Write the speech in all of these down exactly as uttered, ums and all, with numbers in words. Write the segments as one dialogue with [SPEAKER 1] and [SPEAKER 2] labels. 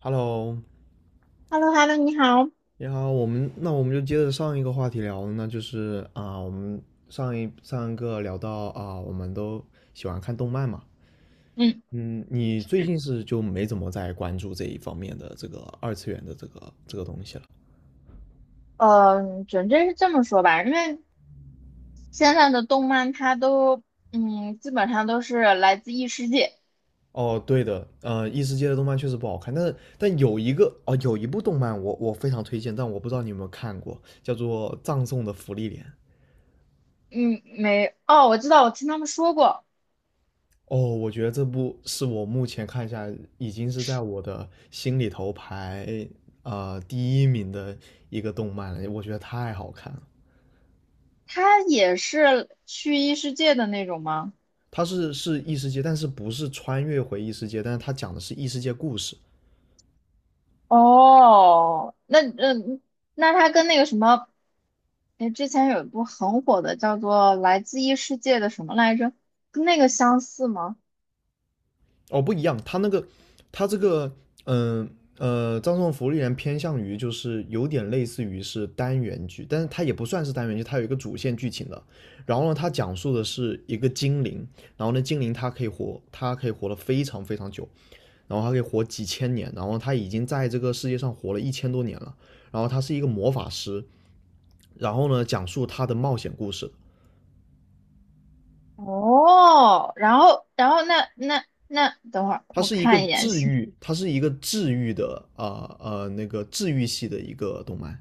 [SPEAKER 1] Hello，
[SPEAKER 2] h e l l o h e l l o 你好。
[SPEAKER 1] 你好，我们那我们就接着上一个话题聊，那就是啊，我们上一上一个聊到啊，我们都喜欢看动漫嘛。
[SPEAKER 2] 嗯，
[SPEAKER 1] 嗯，你最近是就没怎么在关注这一方面的这个二次元的这个这个东西了？
[SPEAKER 2] 呃，准确是这么说吧，因为现在的动漫它都，嗯，基本上都是来自异世界。
[SPEAKER 1] 哦，对的，呃，异世界的动漫确实不好看，但是但有一个哦，有一部动漫我我非常推荐，但我不知道你有没有看过，叫做《葬送的芙莉莲》。
[SPEAKER 2] 嗯，没，哦，我知道，我听他们说过，
[SPEAKER 1] 哦，我觉得这部是我目前看下已经是在我的心里头排呃第一名的一个动漫了，我觉得太好看了。
[SPEAKER 2] 它也是去异世界的那种吗？
[SPEAKER 1] 它是是异世界，但是不是穿越回异世界，但是它讲的是异世界故事。
[SPEAKER 2] 哦，那嗯，那它跟那个什么，哎，之前有一部很火的叫做《来自异世界的什么来着》，跟那个相似吗？
[SPEAKER 1] 哦，不一样，他那个他这个嗯呃葬送福利人偏向于就是有点类似于是单元剧，但是它也不算是单元剧，它有一个主线剧情的。然后呢，它讲述的是一个精灵。然后呢，精灵它可以活，它可以活得非常非常久，然后它可以活几千年，然后它已经在这个世界上活了一千多年了。然后他是一个魔法师，然后呢，讲述他的冒险故事。
[SPEAKER 2] 哦，然后，然后那那那，等会儿
[SPEAKER 1] 它
[SPEAKER 2] 我
[SPEAKER 1] 是一个
[SPEAKER 2] 看一眼
[SPEAKER 1] 治
[SPEAKER 2] 是
[SPEAKER 1] 愈，它是一个治愈的啊呃呃那个治愈系的一个动漫。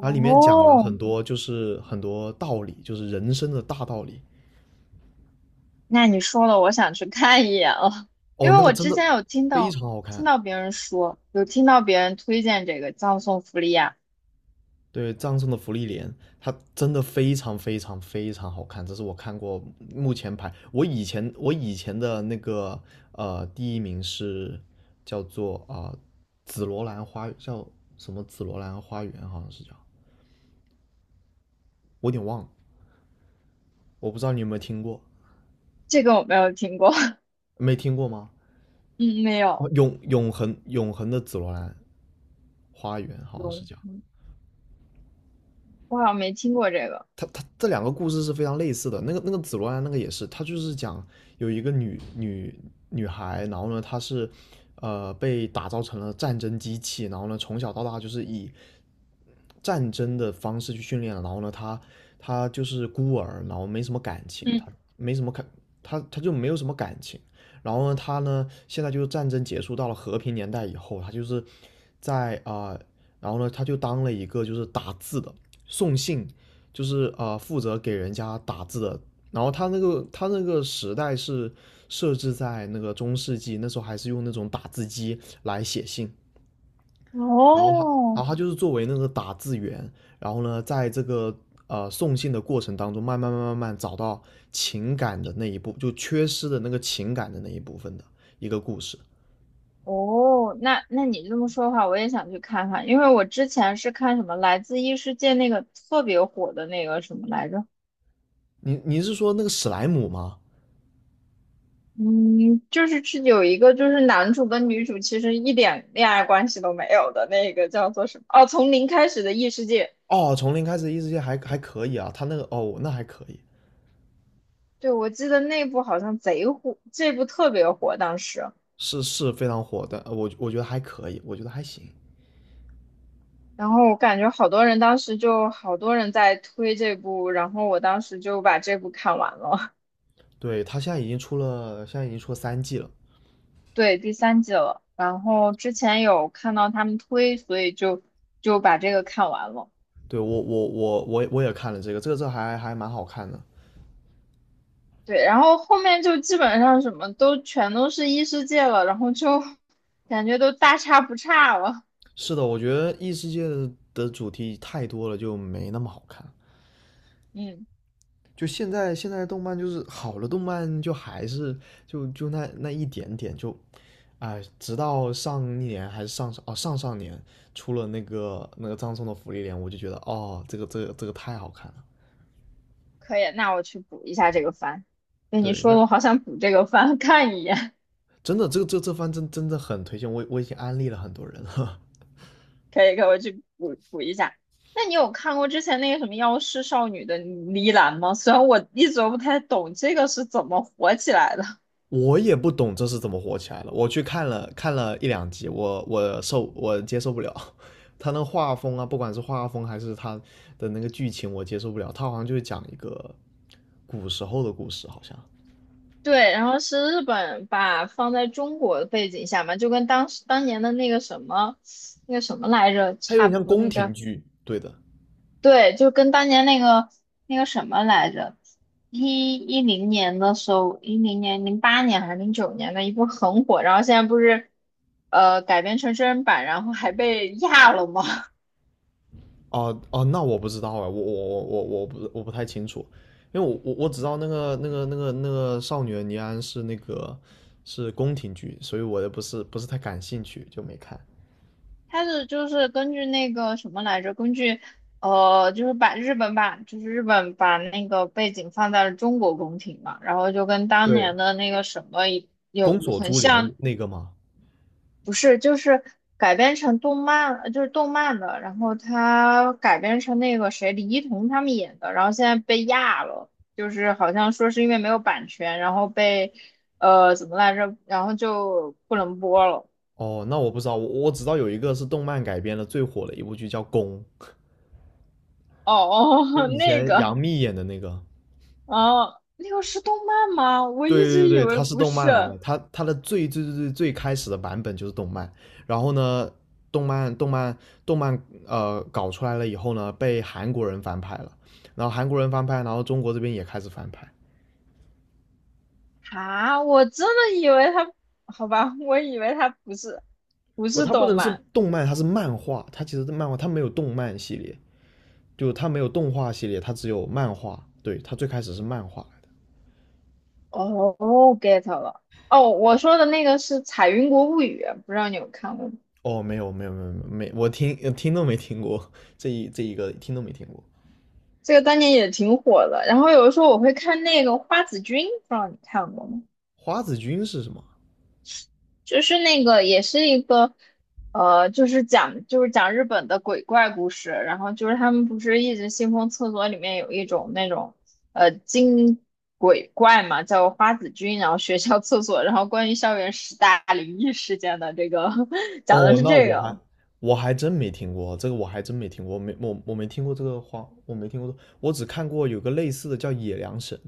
[SPEAKER 1] 它里面讲了很多，就是很多道理，就是人生的大道理。
[SPEAKER 2] 那你说了，我想去看一眼了，因
[SPEAKER 1] 哦，
[SPEAKER 2] 为
[SPEAKER 1] 那个
[SPEAKER 2] 我
[SPEAKER 1] 真
[SPEAKER 2] 之
[SPEAKER 1] 的
[SPEAKER 2] 前有听
[SPEAKER 1] 非
[SPEAKER 2] 到
[SPEAKER 1] 常好
[SPEAKER 2] 听
[SPEAKER 1] 看。
[SPEAKER 2] 到别人说，有听到别人推荐这个葬送福利亚，
[SPEAKER 1] 对，葬送的芙莉莲，它真的非常非常非常好看，这是我看过目前排。我以前我以前的那个呃第一名是叫做啊、呃紫罗兰花叫什么紫罗兰花园好像是叫，我有点忘了。我不知道你有没有听过，
[SPEAKER 2] 这个我没有听过，
[SPEAKER 1] 没听过吗？
[SPEAKER 2] 嗯，没有，
[SPEAKER 1] 哦，永永恒永恒的紫罗兰花园好像是
[SPEAKER 2] 有，
[SPEAKER 1] 叫。
[SPEAKER 2] 嗯我好像没听过这个，
[SPEAKER 1] 他他这两个故事是非常类似的。那个那个紫罗兰那个也是，他就是讲有一个女女女孩。然后呢，她是呃被打造成了战争机器。然后呢，从小到大就是以战争的方式去训练。然后呢，她她就是孤儿，然后没什么感情，她
[SPEAKER 2] 嗯，
[SPEAKER 1] 没什么感，她她就没有什么感情。然后呢，她呢，现在就是战争结束到了和平年代以后，她就是在啊、呃然后呢，她就当了一个就是打字的送信，就是啊、呃负责给人家打字的。然后他那个他那个时代是设置在那个中世纪，那时候还是用那种打字机来写信。然后他，
[SPEAKER 2] 哦
[SPEAKER 1] 然后他就是作为那个打字员。然后呢，在这个呃送信的过程当中，慢慢慢慢慢找到情感的那一部，就缺失的那个情感的那一部分的一个故事。
[SPEAKER 2] 哦，那那你这么说的话，我也想去看看，因为我之前是看什么《来自异世界》那个特别火的那个什么来着。
[SPEAKER 1] 你你是说那个史莱姆吗？
[SPEAKER 2] 嗯，就是去有一个，就是男主跟女主其实一点恋爱关系都没有的那个叫做什么？哦，从零开始的异世界。
[SPEAKER 1] 哦，从零开始异世界还还可以啊，他那个哦，那还可以。
[SPEAKER 2] 对，我记得那部好像贼火，这部特别火当时。
[SPEAKER 1] 是是非常火的，呃我我觉得还可以，我觉得还行。
[SPEAKER 2] 然后我感觉好多人当时就好多人在推这部，然后我当时就把这部看完了，
[SPEAKER 1] 对，他现在已经出了，现在已经出了三季了。
[SPEAKER 2] 对，第三季了。然后之前有看到他们推，所以就就把这个看完了。
[SPEAKER 1] 对，我我我我我也看了这个，这个这还还蛮好看的。
[SPEAKER 2] 对，然后后面就基本上什么都全都是异世界了，然后就感觉都大差不差了。
[SPEAKER 1] 是的，我觉得异世界的的主题太多了，就没那么好看。
[SPEAKER 2] 嗯，
[SPEAKER 1] 就现在现在动漫就是好的动漫，就还是就就那那一点点就，哎，直到上一年还是上上哦上上年出了那个那个葬送的芙莉莲，我就觉得哦这个这个这个太好看了。
[SPEAKER 2] 可以，那我去补一下这个番。对你
[SPEAKER 1] 对，
[SPEAKER 2] 说
[SPEAKER 1] 那
[SPEAKER 2] 的，我好想补这个番，看一眼。
[SPEAKER 1] 真的，这个这这番真真的很推荐，我我已经安利了很多人了。
[SPEAKER 2] 可以，可以，我去补补一下。那你有看过之前那个什么《妖师少女》的呢喃吗？虽然我一直都不太懂这个是怎么火起来的。
[SPEAKER 1] 我也不懂这是怎么火起来了，我去看了看了一两集，我我受我接受不了。他那画风啊，不管是画风还是他的那个剧情，我接受不了。他好像就是讲一个古时候的故事，好像
[SPEAKER 2] 对，然后是日本把放在中国的背景下嘛，就跟当时当年的那个什么，那个什么来着，
[SPEAKER 1] 他有
[SPEAKER 2] 差
[SPEAKER 1] 点
[SPEAKER 2] 不
[SPEAKER 1] 像
[SPEAKER 2] 多，那
[SPEAKER 1] 宫
[SPEAKER 2] 个
[SPEAKER 1] 廷
[SPEAKER 2] 叫
[SPEAKER 1] 剧，对的。
[SPEAKER 2] 对，就跟当年那个那个什么来着，一一零年的时候，一零年、零八年还是零九年的一部很火，然后现在不是呃改编成真人版，然后还被压了吗？
[SPEAKER 1] 哦哦，那我不知道哎，我我我我我不我不太清楚，因为我我我只知道那个那个那个那个少女的尼安是那个是宫廷剧，所以我也不是不是太感兴趣，就没看。
[SPEAKER 2] 它是就是根据那个什么来着，根据呃就是把日本版，就是日本把那个背景放在了中国宫廷嘛，然后就跟当
[SPEAKER 1] 对，
[SPEAKER 2] 年的那个什么有
[SPEAKER 1] 宫锁
[SPEAKER 2] 很
[SPEAKER 1] 珠
[SPEAKER 2] 像，
[SPEAKER 1] 帘那个吗？
[SPEAKER 2] 不是，就是改编成动漫，呃就是动漫的，然后他改编成那个谁，李一桐他们演的，然后现在被压了，就是好像说是因为没有版权，然后被呃怎么来着，然后就不能播了。
[SPEAKER 1] 哦，那我不知道，我我只知道有一个是动漫改编的最火的一部剧叫《宫》，
[SPEAKER 2] 哦
[SPEAKER 1] 就
[SPEAKER 2] 哦，
[SPEAKER 1] 以
[SPEAKER 2] 那
[SPEAKER 1] 前杨
[SPEAKER 2] 个，
[SPEAKER 1] 幂演的那个。
[SPEAKER 2] 哦，那个是动漫吗？我一
[SPEAKER 1] 对对
[SPEAKER 2] 直以
[SPEAKER 1] 对，
[SPEAKER 2] 为
[SPEAKER 1] 它是
[SPEAKER 2] 不
[SPEAKER 1] 动
[SPEAKER 2] 是
[SPEAKER 1] 漫来的，它它的最最最最最开始的版本就是动漫。然后呢，动漫动漫动漫呃搞出来了以后呢，被韩国人翻拍了。然后韩国人翻拍，然后中国这边也开始翻拍。
[SPEAKER 2] 啊，我真的以为他，好吧，我以为他不是，不
[SPEAKER 1] 不，
[SPEAKER 2] 是
[SPEAKER 1] 它不
[SPEAKER 2] 动
[SPEAKER 1] 能是
[SPEAKER 2] 漫。
[SPEAKER 1] 动漫，它是漫画，它其实是漫画，它没有动漫系列，就它没有动画系列，它只有漫画，对，它最开始是漫画来的。
[SPEAKER 2] 哦，get 了。哦，我说的那个是《彩云国物语》，不知道你有看过吗？
[SPEAKER 1] 哦，没有没有没有没有，我听听都没听过，这一这一个听都没听过。
[SPEAKER 2] 这个当年也挺火的。然后有的时候我会看那个《花子君》，不知道你看过吗？
[SPEAKER 1] 花子君是什么？
[SPEAKER 2] 就是那个也是一个，呃，就是讲就是讲日本的鬼怪故事。然后就是他们不是一直信奉厕所里面有一种那种呃精鬼怪嘛，叫花子君。然后学校 厕所，然后关于校园十大灵异事件的这个 讲的
[SPEAKER 1] 哦，
[SPEAKER 2] 是
[SPEAKER 1] 那
[SPEAKER 2] 这
[SPEAKER 1] 我还
[SPEAKER 2] 个。
[SPEAKER 1] 我还真没听过这个，我还真没听过，我没我我没听过这个话，我没听过。我只看过有个类似的叫野良神，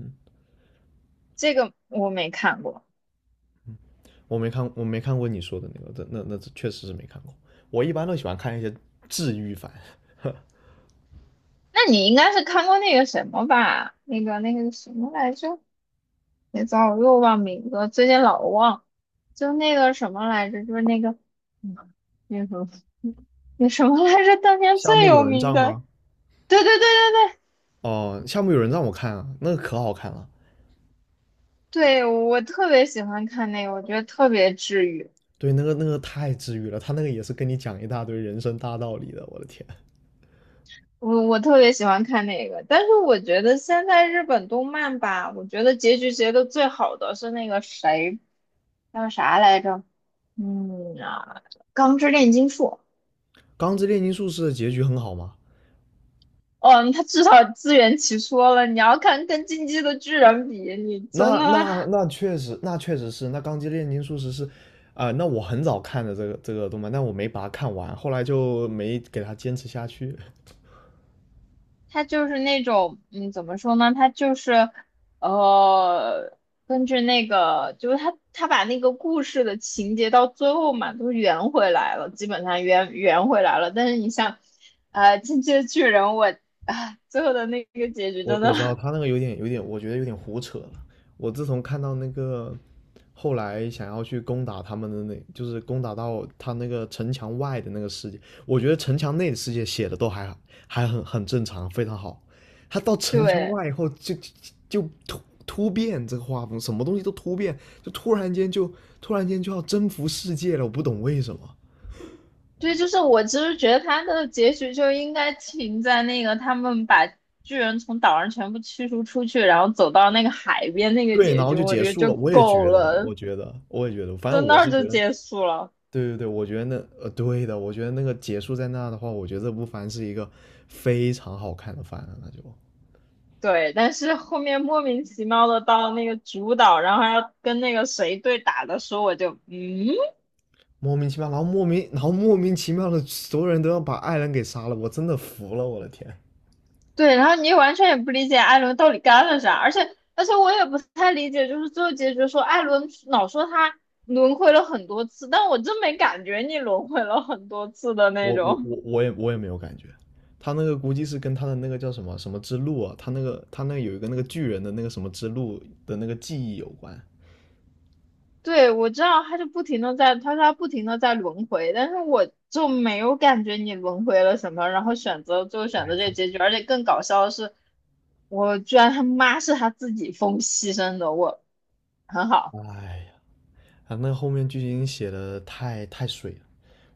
[SPEAKER 2] 这个我没看过。
[SPEAKER 1] 我没看我没看过你说的那个，这那那这确实是没看过。我一般都喜欢看一些治愈番。
[SPEAKER 2] 那你应该是看过那个什么吧？那个那个什么来着？别糟，我又忘名字了最近老忘。就那个什么来着？就是那个，嗯，那个什么那什么来着？当年
[SPEAKER 1] 夏
[SPEAKER 2] 最
[SPEAKER 1] 目友
[SPEAKER 2] 有
[SPEAKER 1] 人
[SPEAKER 2] 名
[SPEAKER 1] 帐
[SPEAKER 2] 的，
[SPEAKER 1] 吗？
[SPEAKER 2] 对对对对对
[SPEAKER 1] 哦，夏目友人帐我看啊，那个可好看了。
[SPEAKER 2] 对，我特别喜欢看那个，我觉得特别治愈。
[SPEAKER 1] 对，那个那个太治愈了，他那个也是跟你讲一大堆人生大道理的，我的天！
[SPEAKER 2] 我我特别喜欢看那个，但是我觉得现在日本动漫吧，我觉得结局结的最好的是那个谁叫啥来着？嗯啊，《钢之炼金术》。
[SPEAKER 1] 《钢之炼金术师》的结局很好吗？
[SPEAKER 2] 哦，他至少自圆其说了。你要看跟《进击的巨人》比，你真
[SPEAKER 1] 那
[SPEAKER 2] 的
[SPEAKER 1] 那那确实，那确实是，那《钢之炼金术师》是，啊、那我很早看的这个这个动漫，但我没把它看完，后来就没给它坚持下去。
[SPEAKER 2] 他就是那种，嗯，怎么说呢？他就是，呃，根据那个，就是他他把那个故事的情节到最后嘛，都圆回来了，基本上圆圆回来了。但是你像，呃，《进击的巨人》我，啊，最后的那个结局
[SPEAKER 1] 我
[SPEAKER 2] 真
[SPEAKER 1] 我
[SPEAKER 2] 的，
[SPEAKER 1] 知道他那个有点有点，我觉得有点胡扯了。我自从看到那个后来想要去攻打他们的那，就是攻打到他那个城墙外的那个世界，我觉得城墙内的世界写的都还还很很正常，非常好。他到 城墙
[SPEAKER 2] 对。
[SPEAKER 1] 外以后就就就突突变这个画风，什么东西都突变，就突然间就突然间就要征服世界了，我不懂为什么。
[SPEAKER 2] 对，就是我其实觉得他的结局就应该停在那个他们把巨人从岛上全部驱逐出去，然后走到那个海边那个
[SPEAKER 1] 对，然
[SPEAKER 2] 结
[SPEAKER 1] 后
[SPEAKER 2] 局，
[SPEAKER 1] 就
[SPEAKER 2] 我
[SPEAKER 1] 结
[SPEAKER 2] 觉得
[SPEAKER 1] 束
[SPEAKER 2] 就
[SPEAKER 1] 了。我也
[SPEAKER 2] 够
[SPEAKER 1] 觉得，
[SPEAKER 2] 了，
[SPEAKER 1] 我觉得，我也觉得，反
[SPEAKER 2] 就
[SPEAKER 1] 正
[SPEAKER 2] 那
[SPEAKER 1] 我
[SPEAKER 2] 儿
[SPEAKER 1] 是
[SPEAKER 2] 就
[SPEAKER 1] 觉得
[SPEAKER 2] 结束了。
[SPEAKER 1] 对对对，我觉得那呃，对的，我觉得那个结束在那的话，我觉得这部番是一个非常好看的番了，那就
[SPEAKER 2] 对，但是后面莫名其妙的到那个主岛，然后还要跟那个谁对打的时候，我就嗯。
[SPEAKER 1] 莫名其妙，然后莫名，然后莫名其妙的，所有人都要把爱人给杀了，我真的服了，我的天。
[SPEAKER 2] 对，然后你完全也不理解艾伦到底干了啥，而且而且我也不太理解，就是最后结局说艾伦老说他轮回了很多次，但我真没感觉你轮回了很多次的那
[SPEAKER 1] 我我
[SPEAKER 2] 种。
[SPEAKER 1] 我我也我也没有感觉，他那个估计是跟他的那个叫什么什么之路啊，他那个他那有一个那个巨人的那个什么之路的那个记忆有关。
[SPEAKER 2] 对，我知道他就不停的在，他说他不停的在轮回，但是我就没有感觉你轮回了什么，然后选择最后选
[SPEAKER 1] 哎
[SPEAKER 2] 择这个
[SPEAKER 1] 他
[SPEAKER 2] 结局，而且更搞笑的是，我居然他妈是他自己疯牺牲的，我很好，
[SPEAKER 1] 哎呀，他那个后面剧情写的太太水了，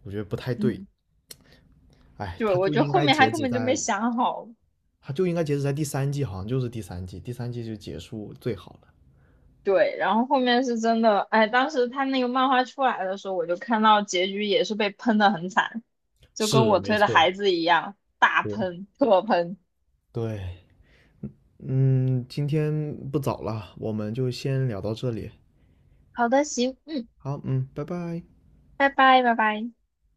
[SPEAKER 1] 我觉得不太对。
[SPEAKER 2] 嗯，
[SPEAKER 1] 哎，
[SPEAKER 2] 对，
[SPEAKER 1] 他
[SPEAKER 2] 我
[SPEAKER 1] 就
[SPEAKER 2] 觉得
[SPEAKER 1] 应
[SPEAKER 2] 后
[SPEAKER 1] 该
[SPEAKER 2] 面他
[SPEAKER 1] 截
[SPEAKER 2] 根
[SPEAKER 1] 止
[SPEAKER 2] 本就没
[SPEAKER 1] 在。
[SPEAKER 2] 想好。
[SPEAKER 1] 它就应该截止在第三季，好像就是第三季，第三季就结束最好了。
[SPEAKER 2] 对，然后后面是真的，哎，当时他那个漫画出来的时候，我就看到结局也是被喷的很惨，就跟
[SPEAKER 1] 是
[SPEAKER 2] 我
[SPEAKER 1] 没
[SPEAKER 2] 推的
[SPEAKER 1] 错，
[SPEAKER 2] 孩子一样，大
[SPEAKER 1] 对，
[SPEAKER 2] 喷，特喷。
[SPEAKER 1] 对，嗯，今天不早了，我们就先聊到这里。
[SPEAKER 2] 好的，行，嗯，
[SPEAKER 1] 好，嗯，拜拜。
[SPEAKER 2] 拜拜，拜拜。